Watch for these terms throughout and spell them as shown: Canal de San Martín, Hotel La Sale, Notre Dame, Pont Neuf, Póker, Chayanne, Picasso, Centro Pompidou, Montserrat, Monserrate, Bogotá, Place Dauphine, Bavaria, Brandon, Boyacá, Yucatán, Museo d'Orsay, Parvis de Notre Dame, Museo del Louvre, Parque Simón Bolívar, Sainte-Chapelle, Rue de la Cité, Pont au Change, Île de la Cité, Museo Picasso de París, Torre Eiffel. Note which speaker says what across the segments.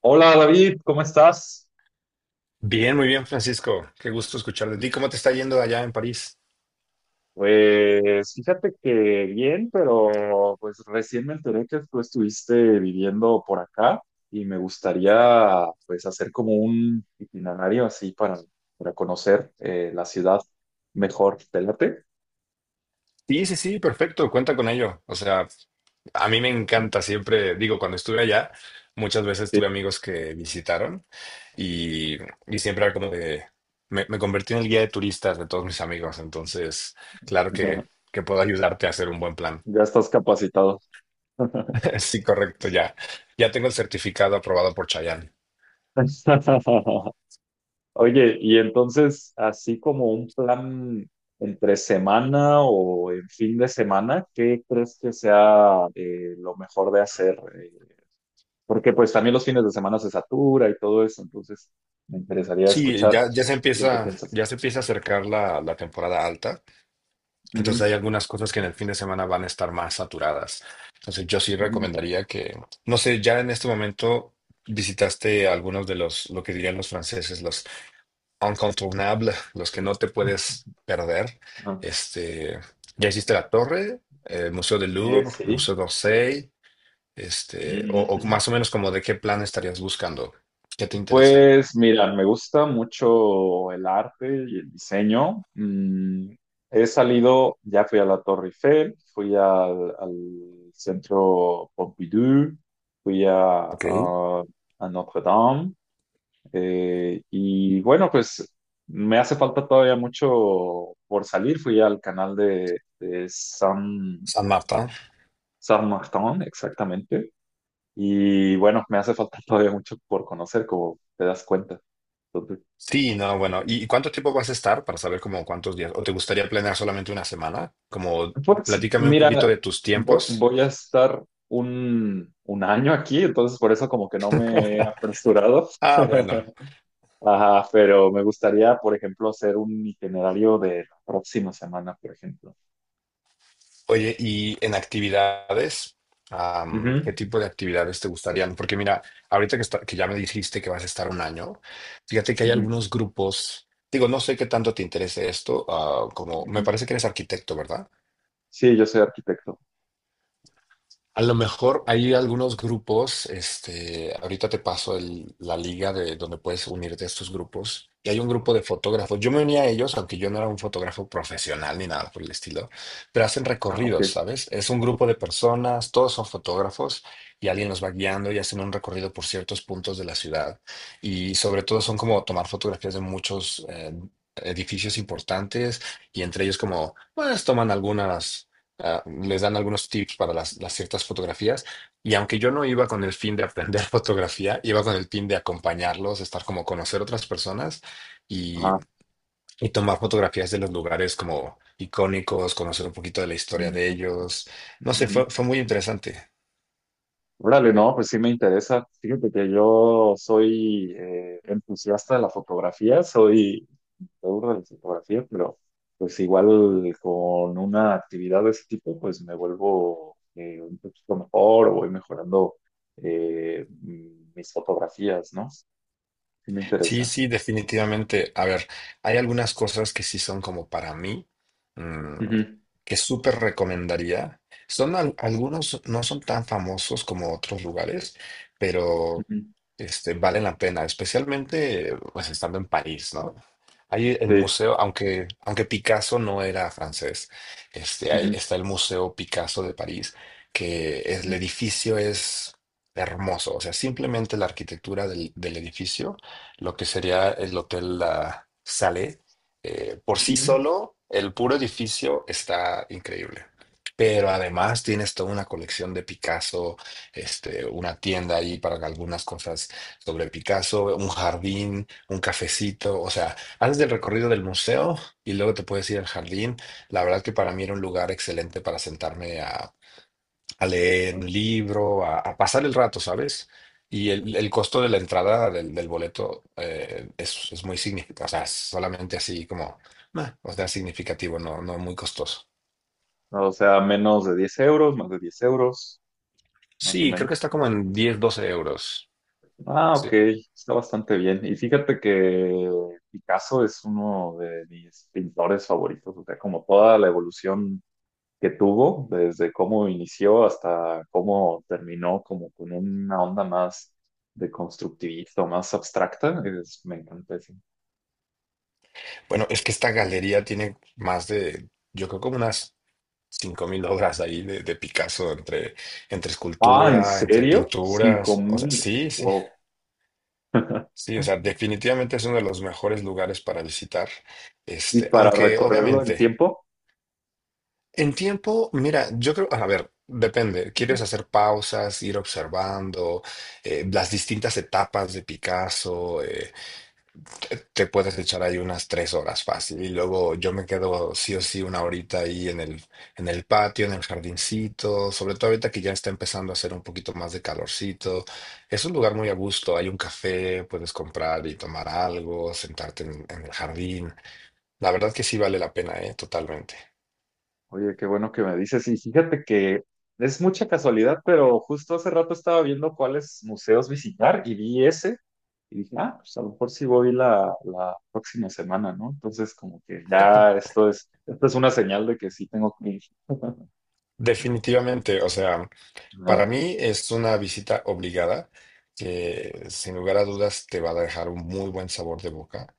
Speaker 1: Hola David, ¿cómo estás?
Speaker 2: Bien, muy bien, Francisco. Qué gusto escuchar de ti. ¿Cómo te está yendo allá en París?
Speaker 1: Pues fíjate que bien, pero pues recién me enteré que tú estuviste viviendo por acá y me gustaría pues hacer como un itinerario así para conocer la ciudad mejor. ¿Te late?
Speaker 2: Sí, sí, sí, perfecto. Cuenta con ello. O sea, a mí me encanta siempre, digo, cuando estuve allá, muchas veces
Speaker 1: Sí.
Speaker 2: tuve amigos que visitaron y, y siempre era como de, me convertí en el guía de turistas de todos mis amigos. Entonces, claro que, que puedo ayudarte a hacer un buen plan.
Speaker 1: Ya estás capacitado.
Speaker 2: Sí, correcto, ya. Ya tengo el certificado aprobado por Chayanne.
Speaker 1: Oye, y entonces, así como un plan entre semana o en fin de semana, ¿qué crees que sea lo mejor de hacer? Porque pues también los fines de semana se satura y todo eso, entonces me interesaría
Speaker 2: Sí,
Speaker 1: escuchar
Speaker 2: ya se
Speaker 1: lo que
Speaker 2: empieza,
Speaker 1: piensas.
Speaker 2: a acercar la temporada alta. Entonces
Speaker 1: Ujú,
Speaker 2: hay algunas cosas que en el fin de semana van a estar más saturadas. Entonces yo sí
Speaker 1: ujú.
Speaker 2: recomendaría que, no sé, ya en este momento visitaste algunos de lo que dirían los franceses, los incontournables, los que no te puedes perder.
Speaker 1: Ajá.
Speaker 2: Este, ya hiciste la Torre, el Museo del Louvre,
Speaker 1: Sí.
Speaker 2: Museo d'Orsay, o más o menos como de qué plan estarías buscando, qué te interesa.
Speaker 1: Pues mira, me gusta mucho el arte y el diseño. He salido, ya fui a la Torre Eiffel, fui al Centro Pompidou, fui a,
Speaker 2: Ok.
Speaker 1: a- a Notre Dame. Y bueno, pues me hace falta todavía mucho por salir. Fui al canal de San,
Speaker 2: San Martín.
Speaker 1: San Martín, exactamente. Y bueno, me hace falta todavía mucho por conocer, como te das cuenta.
Speaker 2: Sí, no, bueno. ¿Y cuánto tiempo vas a estar para saber como cuántos días? ¿O te gustaría planear solamente una semana? Como
Speaker 1: Pues
Speaker 2: platícame un poquito
Speaker 1: mira,
Speaker 2: de tus tiempos.
Speaker 1: voy a estar un año aquí, entonces por eso como que no me he apresurado.
Speaker 2: Ah, bueno.
Speaker 1: Ajá, pero me gustaría, por ejemplo, hacer un itinerario de la próxima semana, por ejemplo.
Speaker 2: Oye, ¿y en actividades? ¿Qué
Speaker 1: Ujú,
Speaker 2: tipo de actividades te gustarían? Porque mira, ahorita que ya me dijiste que vas a estar un año, fíjate que hay
Speaker 1: ujú,
Speaker 2: algunos grupos, digo, no sé qué tanto te interese esto, como me
Speaker 1: ujú.
Speaker 2: parece que eres arquitecto, ¿verdad?
Speaker 1: Sí, yo soy arquitecto.
Speaker 2: A lo mejor hay algunos grupos, ahorita te paso la liga de donde puedes unirte a estos grupos. Y hay un grupo de fotógrafos. Yo me uní a ellos, aunque yo no era un fotógrafo profesional ni nada por el estilo, pero hacen
Speaker 1: Ah, ok.
Speaker 2: recorridos, ¿sabes? Es un grupo de personas, todos son fotógrafos y alguien los va guiando y hacen un recorrido por ciertos puntos de la ciudad. Y sobre todo son como tomar fotografías de muchos edificios importantes y entre ellos como, pues toman algunas les dan algunos tips para las ciertas fotografías. Y aunque yo no iba con el fin de aprender fotografía, iba con el fin de acompañarlos, estar como conocer otras personas y,
Speaker 1: Ajá.
Speaker 2: y tomar fotografías de los lugares como icónicos, conocer un poquito de la historia
Speaker 1: Ujú.
Speaker 2: de ellos.
Speaker 1: Pues,
Speaker 2: No sé,
Speaker 1: ujú.
Speaker 2: fue muy interesante.
Speaker 1: Órale, no, pues sí me interesa. Fíjate que yo soy entusiasta de la fotografía, soy me aburro de la fotografía, pero pues igual con una actividad de ese tipo, pues me vuelvo un poquito mejor o voy mejorando mis fotografías, ¿no? Sí me
Speaker 2: Sí,
Speaker 1: interesa.
Speaker 2: sí, definitivamente. A ver, hay algunas cosas que sí son como para mí, mm,
Speaker 1: Ujú,
Speaker 2: que súper recomendaría. Son algunos, no son tan famosos como otros lugares, pero
Speaker 1: ujú,
Speaker 2: valen la pena, especialmente pues estando en París, ¿no? Hay el
Speaker 1: sí.
Speaker 2: museo, aunque Picasso no era francés, ahí
Speaker 1: Ujú,
Speaker 2: está el Museo Picasso de París, que
Speaker 1: ujú,
Speaker 2: el edificio es hermoso, o sea, simplemente la arquitectura del edificio lo que sería el Hotel La Sale. Por sí
Speaker 1: ujú,
Speaker 2: solo, el puro edificio está increíble. Pero además tienes toda una colección de Picasso, una tienda ahí para algunas cosas sobre Picasso, un jardín, un cafecito. O sea, haces el recorrido del museo y luego te puedes ir al jardín. La verdad que para mí era un lugar excelente para sentarme a leer
Speaker 1: ¿no?
Speaker 2: un libro, a pasar el rato, ¿sabes? Y el costo de la entrada del boleto es muy significativo, o sea, es solamente así como, meh, o sea, significativo, no, no muy costoso.
Speaker 1: No, o sea, menos de 10 euros, más de 10 euros, más o
Speaker 2: Sí, creo que está
Speaker 1: menos.
Speaker 2: como en 10-12 euros.
Speaker 1: Ah, ok,
Speaker 2: Sí.
Speaker 1: está bastante bien. Y fíjate que Picasso es uno de mis pintores favoritos, o sea, como toda la evolución que tuvo, desde cómo inició hasta cómo terminó, como con una onda más de constructivista, o más abstracta, me encanta eso.
Speaker 2: Bueno, es que esta galería tiene más de, yo creo como unas 5.000 obras ahí de Picasso, entre, entre
Speaker 1: Ah, ¿en
Speaker 2: escultura, entre
Speaker 1: serio? Cinco
Speaker 2: pinturas, o sea,
Speaker 1: mil.
Speaker 2: sí, sí.
Speaker 1: Wow.
Speaker 2: Sí, o sea, definitivamente es uno de los mejores lugares para visitar.
Speaker 1: ¿Y para
Speaker 2: Aunque
Speaker 1: recorrerlo en
Speaker 2: obviamente
Speaker 1: tiempo?
Speaker 2: en tiempo, mira, yo creo, a ver, depende. ¿Quieres hacer pausas, ir observando las distintas etapas de Picasso? Te puedes echar ahí unas 3 horas fácil y luego yo me quedo sí o sí una horita ahí en el patio, en el jardincito, sobre todo ahorita que ya está empezando a hacer un poquito más de calorcito. Es un lugar muy a gusto, hay un café, puedes comprar y tomar algo, sentarte en el jardín. La verdad que sí vale la pena, ¿eh? Totalmente.
Speaker 1: Oye, qué bueno que me dices. Y fíjate que es mucha casualidad, pero justo hace rato estaba viendo cuáles museos visitar y vi ese. Y dije, ah, pues a lo mejor sí voy la próxima semana, ¿no? Entonces, como que ya esto es una señal de que sí tengo que ir.
Speaker 2: Definitivamente, o sea. Para
Speaker 1: Ajá.
Speaker 2: mí es una visita obligada que sin lugar a dudas te va a dejar un muy buen sabor de boca.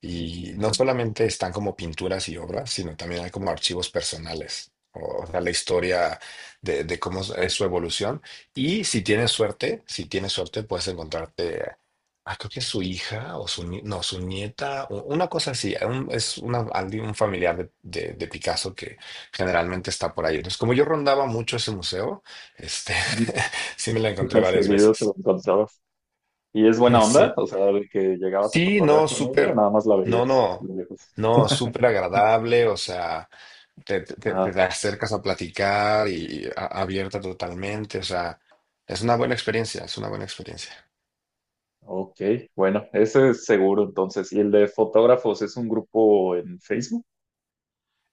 Speaker 2: Y no solamente están como pinturas y obras, sino también hay como archivos personales, o sea, la historia de cómo es su evolución. Y si tienes suerte, si tienes suerte, puedes encontrarte, creo que es su hija o su, ni- no, su nieta, una cosa así. Es un familiar de de Picasso que generalmente está por ahí. Entonces, como yo rondaba mucho ese museo, este,
Speaker 1: Ujú.
Speaker 2: sí me la encontré
Speaker 1: Has
Speaker 2: varias
Speaker 1: seguido te lo
Speaker 2: veces.
Speaker 1: encontrabas. Y es buena onda,
Speaker 2: Sí.
Speaker 1: o sea, de que llegabas a
Speaker 2: Sí,
Speaker 1: cotorrear
Speaker 2: no,
Speaker 1: con ella, o
Speaker 2: súper,
Speaker 1: nada más la
Speaker 2: no,
Speaker 1: veías
Speaker 2: no,
Speaker 1: de lejos.
Speaker 2: no, súper agradable, o sea, te acercas a platicar y abierta totalmente, o sea, es una buena experiencia, es una buena experiencia.
Speaker 1: Ok, bueno, ese es seguro entonces. ¿Y el de fotógrafos es un grupo en Facebook?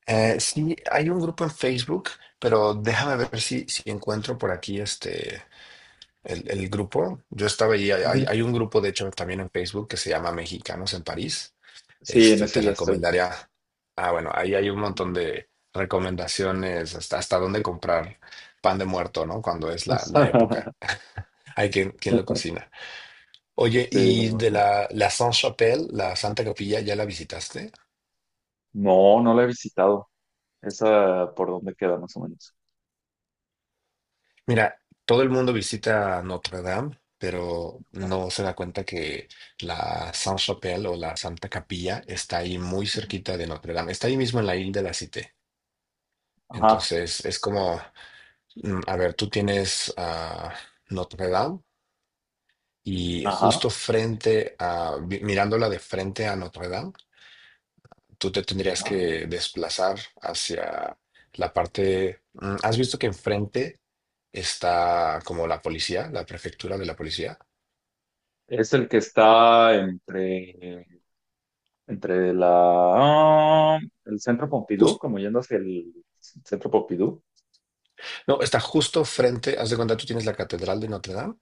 Speaker 2: Sí, hay un grupo en Facebook, pero déjame
Speaker 1: Ajá.
Speaker 2: ver si encuentro por aquí el grupo. Yo estaba ahí, hay,
Speaker 1: Ujú.
Speaker 2: hay un grupo, de hecho, también en Facebook que se llama Mexicanos en París.
Speaker 1: Sí, en
Speaker 2: Te
Speaker 1: ese ya estoy.
Speaker 2: recomendaría. Ah, bueno, ahí hay un montón de recomendaciones hasta dónde comprar pan de muerto, ¿no? Cuando es la, la época. Hay quien lo cocina. Oye,
Speaker 1: Sí, me
Speaker 2: ¿y de
Speaker 1: imagino.
Speaker 2: la Sainte-Chapelle, la Santa Capilla, ya la visitaste?
Speaker 1: No, no la he visitado. Esa por dónde queda más o menos.
Speaker 2: Mira, todo el mundo visita Notre Dame, pero no se da cuenta que la Sainte-Chapelle o la Santa Capilla está ahí muy cerquita de Notre Dame. Está ahí mismo en la isla de la Cité.
Speaker 1: Ajá,
Speaker 2: Entonces, es como. A ver, tú tienes a Notre Dame y
Speaker 1: ajá,
Speaker 2: justo frente a, mirándola de frente a Notre Dame, tú te tendrías
Speaker 1: ajá.
Speaker 2: que desplazar hacia la parte. ¿Has visto que enfrente está como la policía, la prefectura de la policía?
Speaker 1: Es el que está entre ah, el Centro Pompidou, como yendo hacia el Centro Pompidou.
Speaker 2: No, está justo frente, haz de cuenta, tú tienes la Catedral de Notre Dame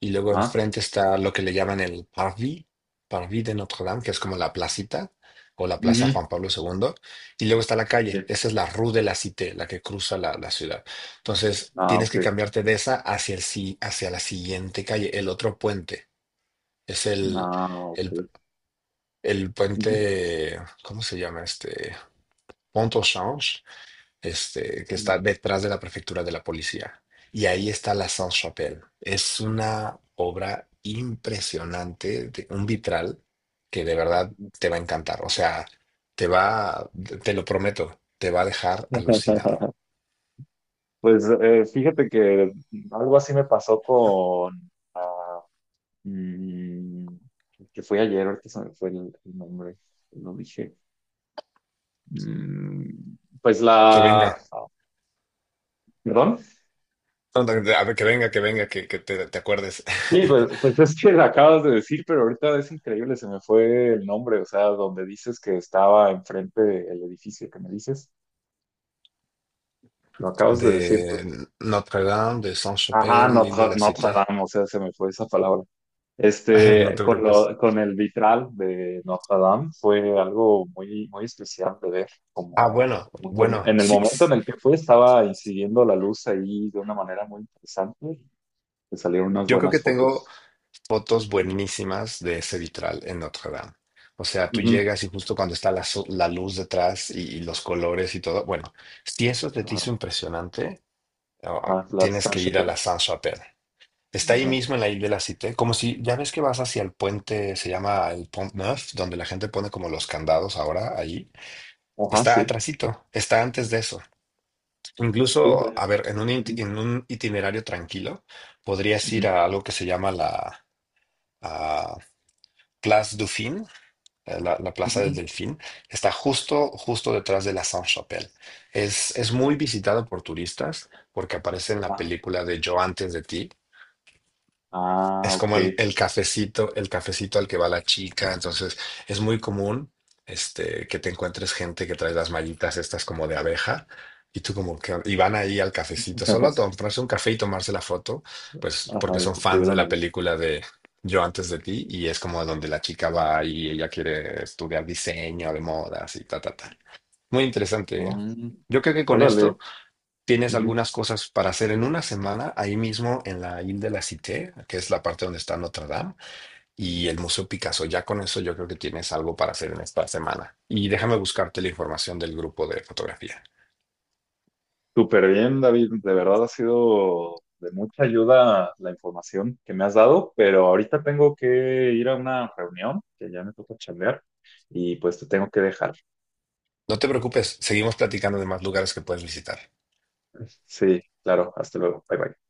Speaker 2: y luego
Speaker 1: Ajá.
Speaker 2: enfrente está lo que le llaman el Parvis, Parvis de Notre Dame, que es como la placita o la Plaza
Speaker 1: Ujú,
Speaker 2: Juan Pablo II, y luego está la calle,
Speaker 1: sí.
Speaker 2: esa es la Rue de la Cité, la que cruza la ciudad. Entonces,
Speaker 1: Ah,
Speaker 2: tienes
Speaker 1: ok.
Speaker 2: que cambiarte de esa hacia, el, hacia la siguiente calle, el otro puente, es
Speaker 1: Ah,
Speaker 2: el,
Speaker 1: ok.
Speaker 2: el
Speaker 1: Ujú.
Speaker 2: puente, ¿cómo se llama este? Pont au Change, que
Speaker 1: Mm.
Speaker 2: está detrás de la prefectura de la policía. Y ahí está la Sainte-Chapelle. Es una obra impresionante, un vitral que de verdad te va a encantar. O sea, te va, te lo prometo, te va a dejar alucinado.
Speaker 1: Pues fíjate que algo así me pasó con mm, que fue ayer, ahorita se me fue el nombre, lo dije. Mm, pues
Speaker 2: Que venga.
Speaker 1: perdón,
Speaker 2: No, no, a ver, que venga, que venga, que te acuerdes
Speaker 1: sí, pues es que la acabas de decir, pero ahorita es increíble, se me fue el nombre, o sea, donde dices que estaba enfrente del edificio que me dices, lo acabas de decir.
Speaker 2: de Notre-Dame, de
Speaker 1: Ajá,
Speaker 2: Sainte-Chapelle, l'Île de la
Speaker 1: Notre
Speaker 2: Cité.
Speaker 1: Dame, o sea, se me fue esa palabra.
Speaker 2: No
Speaker 1: Este,
Speaker 2: te preocupes.
Speaker 1: con el vitral de Notre Dame fue algo muy, muy especial de ver,
Speaker 2: Ah, bueno, bueno,
Speaker 1: en el
Speaker 2: sí.
Speaker 1: momento en el que fue estaba incidiendo la luz ahí de una manera muy interesante, te salieron unas
Speaker 2: Yo creo
Speaker 1: buenas
Speaker 2: que tengo
Speaker 1: fotos.
Speaker 2: fotos buenísimas de ese vitral en Notre Dame. O sea, tú
Speaker 1: Ujú.
Speaker 2: llegas y justo cuando está la luz detrás y los colores y todo, bueno, si eso te
Speaker 1: Ajá,
Speaker 2: hizo impresionante,
Speaker 1: ajá, la
Speaker 2: tienes que ir a
Speaker 1: Sainte-Chapelle.
Speaker 2: la Saint-Chapelle. Está ahí
Speaker 1: Ajá,
Speaker 2: mismo en la isla de la Cité, como si ya ves que vas hacia el puente, se llama el Pont Neuf, donde la gente pone como los candados ahora ahí.
Speaker 1: ajá,
Speaker 2: Está
Speaker 1: sí,
Speaker 2: atrasito, está antes de eso.
Speaker 1: sí,
Speaker 2: Incluso,
Speaker 1: ya.
Speaker 2: a ver, en un,
Speaker 1: Ujú,
Speaker 2: en un itinerario tranquilo, podrías ir
Speaker 1: ujú,
Speaker 2: a algo que se llama a Place Dauphine, la Plaza del
Speaker 1: ujú.
Speaker 2: Delfín, está justo, justo detrás de la Sainte-Chapelle. Es muy visitada por turistas porque aparece en la
Speaker 1: Ah,
Speaker 2: película de Yo antes de ti,
Speaker 1: ah,
Speaker 2: es
Speaker 1: ok.
Speaker 2: como el cafecito al que va la chica. Entonces, es muy común que te encuentres gente que trae las mallitas estas como de abeja y tú como que y van ahí al cafecito, solo a comprarse un café y tomarse la foto, pues
Speaker 1: Ajá,
Speaker 2: porque
Speaker 1: lo
Speaker 2: son
Speaker 1: que
Speaker 2: fans de
Speaker 1: estuvieron
Speaker 2: la
Speaker 1: ahí.
Speaker 2: película de Yo antes de ti y es como donde la chica va y ella quiere estudiar diseño de modas y ta, ta, ta. Muy interesante, ¿eh?
Speaker 1: Mm,
Speaker 2: Yo creo que con
Speaker 1: órale,
Speaker 2: esto tienes
Speaker 1: ujú.
Speaker 2: algunas cosas para hacer en una semana ahí mismo en la Ile de la Cité, que es la parte donde está Notre Dame, y el Museo Picasso. Ya con eso yo creo que tienes algo para hacer en esta semana. Y déjame buscarte la información del grupo de fotografía.
Speaker 1: Súper bien, David. De verdad ha sido de mucha ayuda la información que me has dado, pero ahorita tengo que ir a una reunión que ya me toca chambear y pues te tengo que dejar.
Speaker 2: No te preocupes, seguimos platicando de más lugares que puedes visitar.
Speaker 1: Sí, claro, hasta luego. Bye bye.